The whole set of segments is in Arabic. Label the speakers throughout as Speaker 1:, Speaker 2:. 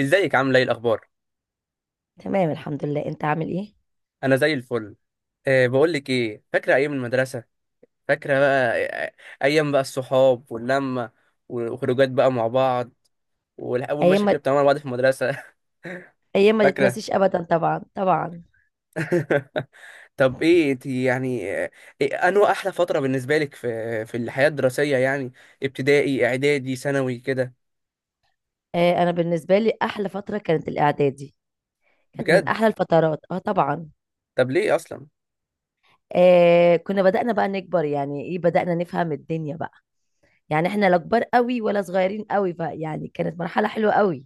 Speaker 1: ازيك عامله ايه الاخبار؟
Speaker 2: تمام، الحمد لله. انت عامل ايه؟
Speaker 1: انا زي الفل. بقول لك ايه، فاكره ايام المدرسه؟ فاكره بقى ايام بقى الصحاب واللمه، وخروجات بقى مع بعض، والاول
Speaker 2: ايام
Speaker 1: مشاكل
Speaker 2: ما
Speaker 1: اللي بتعملها مع بعض في المدرسه.
Speaker 2: ايام ما
Speaker 1: فاكره؟
Speaker 2: تتنسيش ابدا، طبعا طبعا.
Speaker 1: طب ايه انت؟ يعني إيه انو احلى فتره بالنسبه لك في في الحياه الدراسيه يعني، ابتدائي اعدادي ثانوي كده؟
Speaker 2: انا بالنسبه لي احلى فتره كانت الاعدادي. كانت من
Speaker 1: بجد؟
Speaker 2: احلى الفترات، طبعا.
Speaker 1: طب ليه اصلا؟
Speaker 2: كنا بدأنا بقى نكبر، يعني ايه، بدأنا نفهم الدنيا بقى. يعني احنا لا كبار قوي ولا صغيرين قوي، فيعني كانت مرحله حلوه قوي.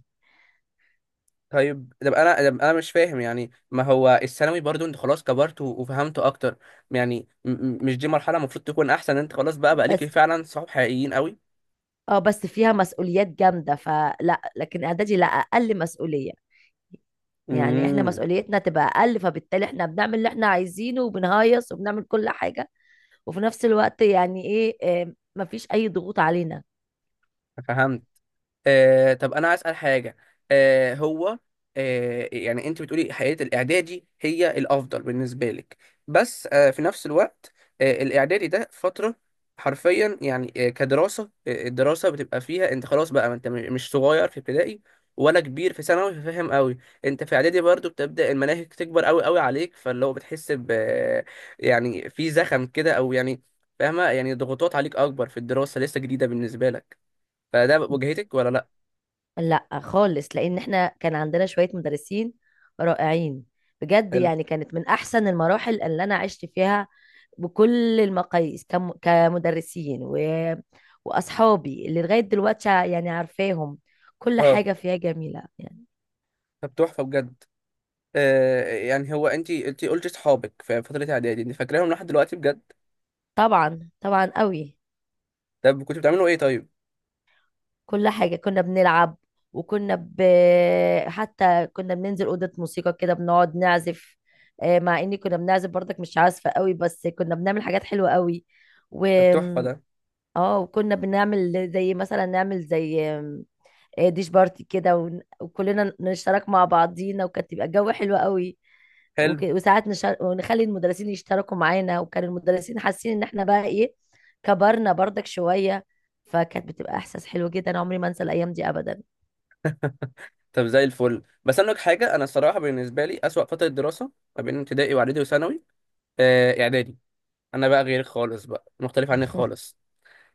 Speaker 1: طيب، طب انا مش فاهم، يعني ما هو الثانوي برضو، انت خلاص كبرت وفهمت اكتر، يعني مش دي مرحله المفروض تكون احسن؟ انت خلاص بقى ليك
Speaker 2: بس
Speaker 1: فعلا صحاب حقيقيين قوي.
Speaker 2: اه بس فيها مسؤوليات جامده، فلا، لكن اعدادي لا، اقل مسؤوليه. يعني احنا
Speaker 1: امم
Speaker 2: مسؤوليتنا تبقى اقل، فبالتالي احنا بنعمل اللي احنا عايزينه وبنهيص وبنعمل كل حاجه. وفي نفس الوقت يعني ايه، مفيش اي ضغوط علينا.
Speaker 1: فهمت. طب انا عايز اسال حاجه. آه هو يعني انت بتقولي حياه الاعدادي هي الافضل بالنسبه لك، بس في نفس الوقت، الاعدادي ده فتره، حرفيا يعني كدراسه، الدراسه بتبقى فيها انت خلاص بقى، ما انت مش صغير في ابتدائي ولا كبير في ثانوي، فاهم قوي. انت في اعدادي برضو بتبدا المناهج تكبر قوي قوي عليك، فاللي هو بتحس يعني في زخم كده او يعني، فاهمه؟ يعني ضغوطات عليك اكبر، في الدراسه لسه جديده بالنسبه لك، فده واجهتك ولا لا؟
Speaker 2: لا خالص، لان احنا كان عندنا شوية مدرسين رائعين. بجد،
Speaker 1: حلو،
Speaker 2: يعني كانت من احسن المراحل اللي انا عشت فيها. بكل المقاييس، كمدرسين واصحابي اللي لغاية دلوقتي يعني عارفاهم. كل
Speaker 1: اه.
Speaker 2: حاجة فيها جميلة يعني.
Speaker 1: طب تحفه بجد. يعني هو انت قلت اصحابك في فتره اعدادي انت فاكراهم لحد دلوقتي، بجد؟
Speaker 2: طبعا، طبعا قوي.
Speaker 1: طب كنتوا بتعملوا ايه طيب؟
Speaker 2: كل حاجة كنا بنلعب، وكنا ب... حتى كنا بننزل أوضة موسيقى كده بنقعد نعزف. مع إني كنا بنعزف برضك مش عازفة قوي، بس كنا بنعمل حاجات حلوة قوي. و
Speaker 1: طب تحفه ده،
Speaker 2: اه وكنا بنعمل زي مثلا، نعمل زي ديش بارتي كده، وكلنا نشترك مع بعضينا، وكانت تبقى الجو حلو قوي.
Speaker 1: حلو.
Speaker 2: وساعات ونخلي المدرسين يشتركوا معانا، وكان المدرسين حاسين ان احنا بقى ايه، كبرنا برضك شوية. فكانت بتبقى احساس حلو جدا، عمري ما انسى الايام دي ابدا.
Speaker 1: طب زي الفل، بس انا لك حاجه، انا الصراحه بالنسبه لي اسوأ فتره دراسه ما بين ابتدائي واعدادي وثانوي، اعدادي. انا بقى غير خالص، بقى مختلف عنك خالص،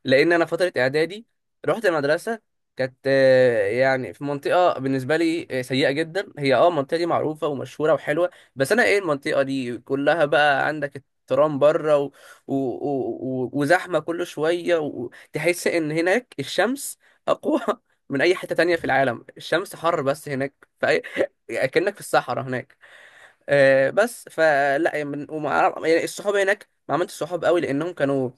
Speaker 1: لان انا فتره اعدادي رحت مدرسه كانت يعني في منطقه بالنسبه لي سيئه جدا. هي المنطقه دي معروفه ومشهوره وحلوه، بس انا ايه، المنطقه دي كلها بقى عندك الترام بره وزحمه كل شويه، وتحس ان هناك الشمس اقوى من اي حته تانية في العالم، الشمس حر بس هناك. في أي... كأنك في الصحراء هناك. بس فلا يعني يعني الصحاب هناك ما عملتش صحاب قوي، لانهم كانوا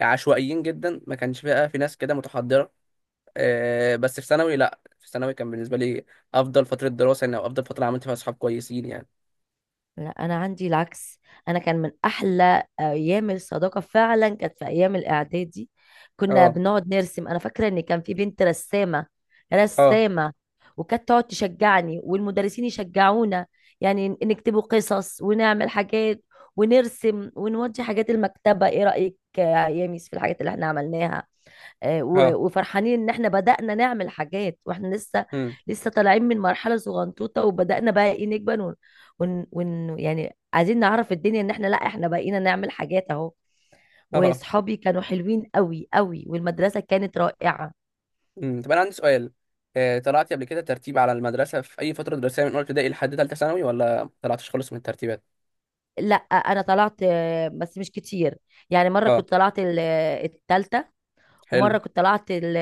Speaker 1: عشوائيين جدا، ما كانش بقى في ناس كده متحضره. بس في ثانوي، لا في ثانوي كان بالنسبه لي افضل فتره دراسه، يعني او افضل فتره عملت فيها صحاب كويسين يعني.
Speaker 2: لا، انا عندي العكس. انا كان من احلى ايام الصداقه فعلا كانت في ايام الاعدادي. كنا
Speaker 1: اه،
Speaker 2: بنقعد نرسم، انا فاكره ان كان في بنت رسامه،
Speaker 1: اه،
Speaker 2: رسامه. وكانت تقعد تشجعني والمدرسين يشجعونا. يعني نكتبوا قصص ونعمل حاجات ونرسم ونودي حاجات المكتبه. ايه رايك يا ميس في الحاجات اللي احنا عملناها؟
Speaker 1: اه،
Speaker 2: وفرحانين ان احنا بدأنا نعمل حاجات، واحنا لسه
Speaker 1: امم،
Speaker 2: لسه طالعين من مرحلة صغنطوطة، وبدأنا بقى ايه نكبر، ون, ون, ون يعني عايزين نعرف الدنيا، ان احنا، لا احنا بقينا نعمل حاجات اهو.
Speaker 1: اه،
Speaker 2: واصحابي كانوا حلوين قوي قوي، والمدرسة كانت رائعة.
Speaker 1: امم. طب انا عندي سؤال، طلعتي قبل كده ترتيب على المدرسه في اي فتره دراسيه من اولى ابتدائي لحد ثالثه ثانوي، ولا ما طلعتش خالص من الترتيبات؟
Speaker 2: لا، انا طلعت، بس مش كتير. يعني مرة
Speaker 1: اه،
Speaker 2: كنت طلعت التالتة،
Speaker 1: حلو.
Speaker 2: ومره كنت طلعت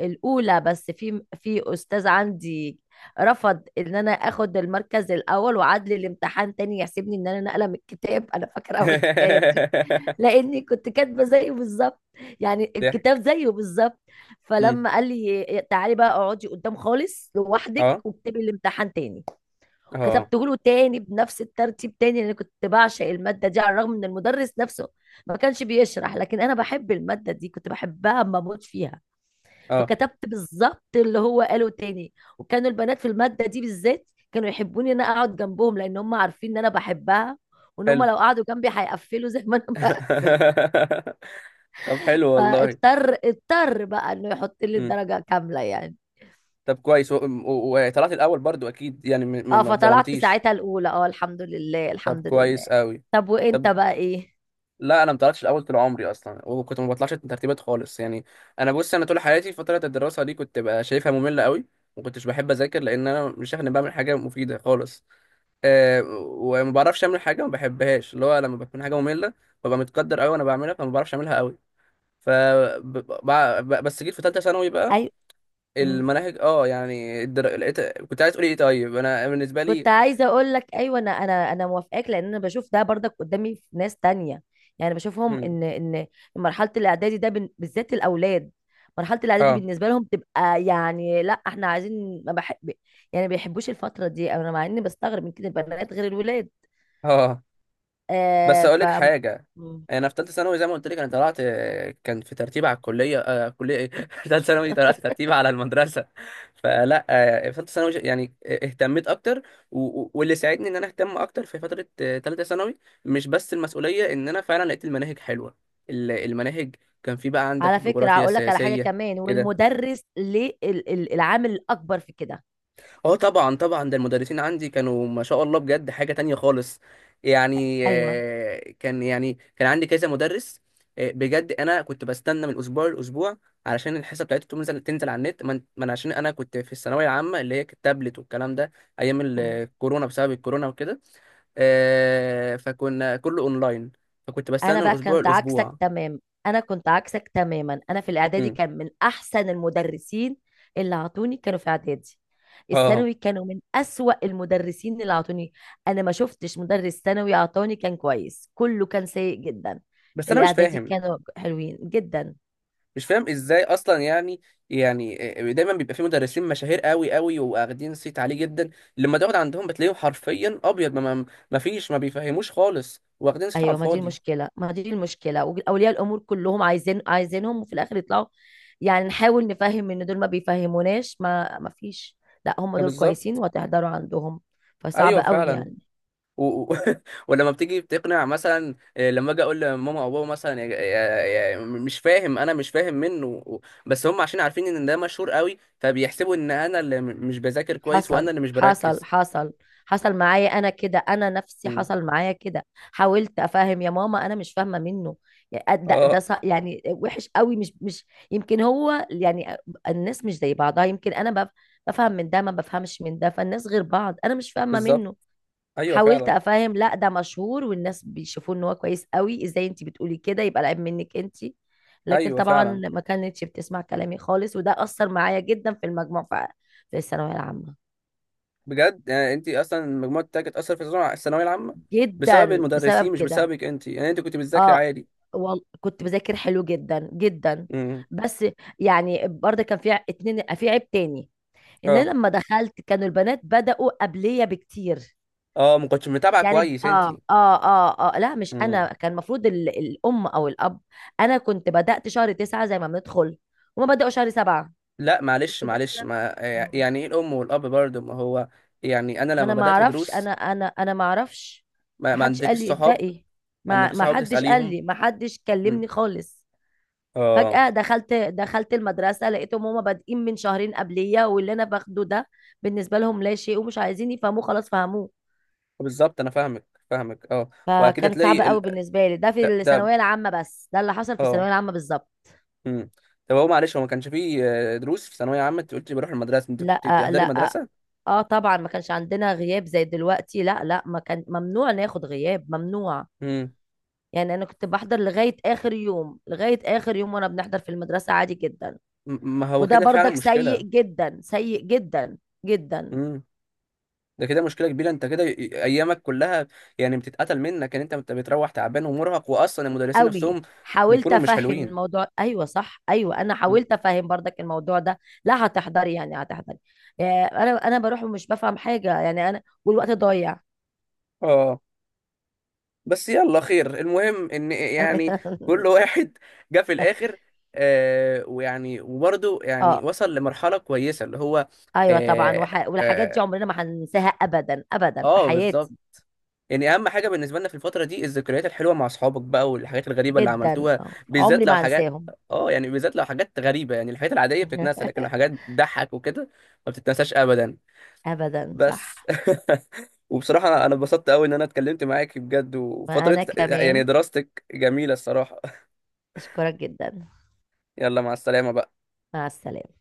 Speaker 2: الاولى، بس في استاذ عندي رفض ان انا اخد المركز الاول، وعاد لي الامتحان تاني يحسبني ان انا نقله من الكتاب. انا فاكره اول الحكايه دي. لاني كنت كاتبه زيه بالظبط، يعني الكتاب
Speaker 1: ضحك.
Speaker 2: زيه بالظبط.
Speaker 1: امم،
Speaker 2: فلما قال لي تعالي بقى اقعدي قدام خالص لوحدك
Speaker 1: اه،
Speaker 2: واكتبي الامتحان تاني.
Speaker 1: اه،
Speaker 2: كتبته له تاني بنفس الترتيب تاني، لان كنت بعشق الماده دي، على الرغم ان المدرس نفسه ما كانش بيشرح، لكن انا بحب الماده دي، كنت بحبها ما بموت فيها.
Speaker 1: اه،
Speaker 2: فكتبت بالظبط اللي هو قاله تاني، وكانوا البنات في المادة دي بالذات كانوا يحبوني ان انا اقعد جنبهم، لان هم عارفين ان انا بحبها، وان هم
Speaker 1: حلو.
Speaker 2: لو قعدوا جنبي هيقفلوا زي ما انا بقفل.
Speaker 1: طب حلو والله.
Speaker 2: فاضطر بقى انه يحط لي
Speaker 1: مم.
Speaker 2: الدرجة كاملة يعني.
Speaker 1: طب كويس، وطلعت الاول برضو اكيد، يعني ما
Speaker 2: اه
Speaker 1: ما
Speaker 2: فطلعت
Speaker 1: اتظلمتيش؟
Speaker 2: ساعتها الاولى، الحمد لله،
Speaker 1: طب
Speaker 2: الحمد لله.
Speaker 1: كويس قوي.
Speaker 2: طب وانت
Speaker 1: طب
Speaker 2: بقى ايه؟
Speaker 1: لا، انا ما طلعتش الاول طول عمري اصلا، وكنت ما بطلعش ترتيبات خالص يعني. انا بص، انا طول حياتي فتره الدراسه دي كنت بقى شايفها ممله قوي، ما كنتش بحب اذاكر، لان انا مش شايف اني بعمل حاجه مفيده خالص. أه وما بعرفش اعمل حاجه ما بحبهاش، اللي هو لما بكون حاجه ممله ببقى متقدر قوي وانا بعملها، فما بعرفش اعملها قوي. ف ب- بس جيت في ثالثه ثانوي بقى،
Speaker 2: ايوه،
Speaker 1: المناهج اه، يعني كنت عايز تقولي ايه؟ طيب انا بالنسبه لي،
Speaker 2: كنت عايزه اقول لك ايوه، انا موافقاك، لان انا بشوف ده برضك قدامي في ناس تانية. يعني بشوفهم
Speaker 1: هم.
Speaker 2: ان مرحله الاعدادي ده بالذات الاولاد. مرحله الاعدادي
Speaker 1: اه،
Speaker 2: بالنسبه لهم تبقى يعني، لا احنا عايزين، ما بحب، يعني ما بيحبوش الفتره دي. انا مع اني بستغرب من كده، البنات غير الولاد.
Speaker 1: اه، بس
Speaker 2: آه
Speaker 1: اقول
Speaker 2: ف
Speaker 1: لك حاجه.
Speaker 2: مم.
Speaker 1: انا في ثالثه ثانوي زي ما قلت لك انا طلعت، كان في ترتيب على الكليه، كليه ايه ثالثه ثانوي، طلعت ترتيب على المدرسه. فلا في ثالثه ثانوي يعني اهتميت اكتر، واللي ساعدني ان انا اهتم اكتر في فتره ثالثه ثانوي، مش بس المسؤوليه، ان انا فعلا لقيت المناهج حلوه. المناهج، كان في بقى عندك
Speaker 2: على فكره
Speaker 1: الجغرافيا
Speaker 2: هقول لك على حاجه
Speaker 1: السياسيه
Speaker 2: كمان،
Speaker 1: كده.
Speaker 2: والمدرس ليه العامل الاكبر في كده.
Speaker 1: اه طبعا طبعا، ده المدرسين عندي كانوا ما شاء الله، بجد حاجة تانية خالص. يعني
Speaker 2: ايوه.
Speaker 1: كان يعني كان عندي كذا مدرس، بجد انا كنت بستنى من اسبوع لاسبوع، علشان الحصه بتاعته تنزل تنزل على النت، من عشان انا كنت في الثانويه العامه، اللي هي التابلت والكلام ده، ايام
Speaker 2: مم.
Speaker 1: الكورونا بسبب الكورونا وكده. فكنا كله اونلاين، فكنت
Speaker 2: انا
Speaker 1: بستنى من
Speaker 2: بقى
Speaker 1: اسبوع
Speaker 2: كنت عكسك
Speaker 1: لاسبوع.
Speaker 2: تمام، انا كنت عكسك تماما. انا في الاعدادي
Speaker 1: مم.
Speaker 2: كان من احسن المدرسين اللي عطوني كانوا في اعدادي.
Speaker 1: اه،
Speaker 2: الثانوي كانوا من اسوأ المدرسين اللي عطوني. انا ما شفتش مدرس ثانوي عطاني كان كويس، كله كان سيء جدا.
Speaker 1: بس انا مش
Speaker 2: الاعدادي
Speaker 1: فاهم،
Speaker 2: كانوا حلوين جدا.
Speaker 1: مش فاهم ازاي اصلا يعني، يعني دايما بيبقى في مدرسين مشاهير قوي قوي، واخدين صيت عليه جدا، لما تقعد عندهم بتلاقيهم حرفيا ابيض، ما فيش، ما بيفهموش خالص، واخدين صيت على
Speaker 2: ايوه، ما دي
Speaker 1: الفاضي.
Speaker 2: المشكله، ما دي المشكله. واولياء الامور كلهم عايزينهم، وفي الاخر يطلعوا. يعني نحاول نفهم ان دول ما بيفهموناش، ما فيش. لا هم
Speaker 1: ده
Speaker 2: دول كويسين
Speaker 1: بالظبط.
Speaker 2: وهتحضروا عندهم. فصعب
Speaker 1: ايوه
Speaker 2: قوي
Speaker 1: فعلا.
Speaker 2: يعني.
Speaker 1: و... و- ولما بتيجي بتقنع مثلا إيه، لما اجي اقول لماما او بابا مثلا، مش فاهم، انا مش فاهم منه، بس هم عشان عارفين ان ده مشهور قوي، فبيحسبوا ان انا اللي مش بذاكر كويس،
Speaker 2: حصل،
Speaker 1: وانا اللي مش
Speaker 2: حصل،
Speaker 1: بركز.
Speaker 2: حصل. حصل معايا انا كده، انا نفسي
Speaker 1: مم.
Speaker 2: حصل معايا كده. حاولت افهم يا ماما، انا مش فاهمه منه. يعني
Speaker 1: اه،
Speaker 2: يعني وحش قوي، مش يمكن هو يعني الناس مش زي بعضها. يمكن انا بفهم من ده ما بفهمش من ده، فالناس غير بعض، انا مش فاهمه
Speaker 1: بالظبط،
Speaker 2: منه.
Speaker 1: ايوه
Speaker 2: حاولت
Speaker 1: فعلا،
Speaker 2: افهم، لا ده مشهور والناس بيشوفوه ان هو كويس قوي، ازاي انت بتقولي كده؟ يبقى العيب منك انت. لكن
Speaker 1: ايوه
Speaker 2: طبعا
Speaker 1: فعلا.
Speaker 2: ما كانتش بتسمع كلامي خالص، وده اثر معايا جدا في المجموع، في الثانويه العامه.
Speaker 1: بجد؟ يعني انت اصلا المجموع بتاعك اتاثر في الثانويه العامه بسبب
Speaker 2: جدا بسبب
Speaker 1: المدرسين، مش
Speaker 2: كده.
Speaker 1: بسببك انت، يعني انت كنت بتذاكري
Speaker 2: اه
Speaker 1: عادي.
Speaker 2: كنت بذاكر حلو جدا جدا.
Speaker 1: امم،
Speaker 2: بس يعني برضه كان في اتنين، في عيب تاني، ان
Speaker 1: اه،
Speaker 2: انا لما دخلت كانوا البنات بدأوا قبلية بكتير.
Speaker 1: اه، ما كنتش متابعه
Speaker 2: يعني
Speaker 1: كويس انت؟
Speaker 2: لا مش
Speaker 1: امم.
Speaker 2: انا، كان المفروض الام او الاب. انا كنت بدأت شهر 9 زي ما بندخل، هما بدأوا شهر 7،
Speaker 1: لا
Speaker 2: كنت
Speaker 1: معلش معلش،
Speaker 2: داخلة.
Speaker 1: ما
Speaker 2: مم.
Speaker 1: يعني ايه الام والاب برضه، ما هو يعني انا
Speaker 2: ما
Speaker 1: لما
Speaker 2: انا ما
Speaker 1: بدات
Speaker 2: اعرفش، انا
Speaker 1: دروس،
Speaker 2: انا انا ما اعرفش،
Speaker 1: ما,
Speaker 2: ما
Speaker 1: ما
Speaker 2: حدش
Speaker 1: عندكش
Speaker 2: قال لي
Speaker 1: صحاب،
Speaker 2: ابدأي،
Speaker 1: ما
Speaker 2: ما
Speaker 1: عندكش
Speaker 2: ما
Speaker 1: صحاب
Speaker 2: حدش قال
Speaker 1: تساليهم؟
Speaker 2: لي، ما حدش
Speaker 1: امم،
Speaker 2: كلمني خالص.
Speaker 1: اه،
Speaker 2: فجأة دخلت، المدرسة، لقيتهم هما بادئين من شهرين قبلية، واللي انا باخده ده بالنسبة لهم لا شيء، ومش عايزين يفهموه، خلاص فهموه.
Speaker 1: بالظبط انا فاهمك، فاهمك، اه. واكيد
Speaker 2: فكان صعب
Speaker 1: هتلاقي
Speaker 2: قوي بالنسبه لي ده في
Speaker 1: ده،
Speaker 2: الثانويه العامه، بس ده اللي حصل في
Speaker 1: اه،
Speaker 2: الثانويه العامه بالظبط.
Speaker 1: امم. طب، هو معلش، هو ما كانش فيه دروس في ثانويه عامه؟ انت قلتي بروح المدرسه، انت كنت
Speaker 2: لا،
Speaker 1: بتحضري
Speaker 2: لا.
Speaker 1: مدرسه؟
Speaker 2: اه طبعا، ما كانش عندنا غياب زي دلوقتي، لا لا، ما كان، ممنوع ناخد غياب، ممنوع.
Speaker 1: مم.
Speaker 2: يعني انا كنت بحضر لغايه اخر يوم، لغايه اخر يوم، وانا بنحضر في المدرسه عادي جدا.
Speaker 1: ما هو
Speaker 2: وده
Speaker 1: كده فعلا
Speaker 2: برضك سيء
Speaker 1: مشكلة.
Speaker 2: جدا، سيء جدا جدا،
Speaker 1: امم، ده كده مشكلة كبيرة، انت كده ايامك كلها يعني بتتقتل منك، ان انت بتروح تعبان ومرهق، واصلا المدرسين
Speaker 2: قوي.
Speaker 1: نفسهم
Speaker 2: حاولت
Speaker 1: بيكونوا مش
Speaker 2: افهم
Speaker 1: حلوين.
Speaker 2: الموضوع، ايوه صح، ايوه انا
Speaker 1: م.
Speaker 2: حاولت افهم برضك الموضوع ده. لا هتحضري، يعني هتحضري. انا بروح ومش بفهم حاجه، يعني انا والوقت ضايع.
Speaker 1: اه، بس يلا خير، المهم ان يعني كل واحد جه في الاخر، ويعني وبرضه يعني
Speaker 2: اه
Speaker 1: وصل لمرحلة كويسة اللي هو.
Speaker 2: ايوه طبعا،
Speaker 1: اه،
Speaker 2: والحاجات
Speaker 1: آه،
Speaker 2: دي عمرنا ما هننساها، ابدا ابدا في
Speaker 1: آه بالظبط.
Speaker 2: حياتي،
Speaker 1: يعني اهم حاجه بالنسبه لنا في الفتره دي الذكريات الحلوه مع اصحابك بقى، والحاجات الغريبه اللي
Speaker 2: جدا،
Speaker 1: عملتوها، بالذات
Speaker 2: عمري
Speaker 1: لو
Speaker 2: ما
Speaker 1: حاجات.
Speaker 2: هنساهم.
Speaker 1: اه، يعني بالذات لو حاجات غريبه، يعني الحاجات العاديه بتتنسى، لكن لو حاجات بتضحك وكده ما بتتنساش ابدا.
Speaker 2: ابدا، صح.
Speaker 1: بس وبصراحه أنا اتبسطت قوي ان انا اتكلمت معاك بجد، وفتره
Speaker 2: وانا
Speaker 1: يعني
Speaker 2: كمان،
Speaker 1: دراستك جميله الصراحه.
Speaker 2: اشكرك جدا.
Speaker 1: يلا مع السلامه بقى.
Speaker 2: مع السلامه.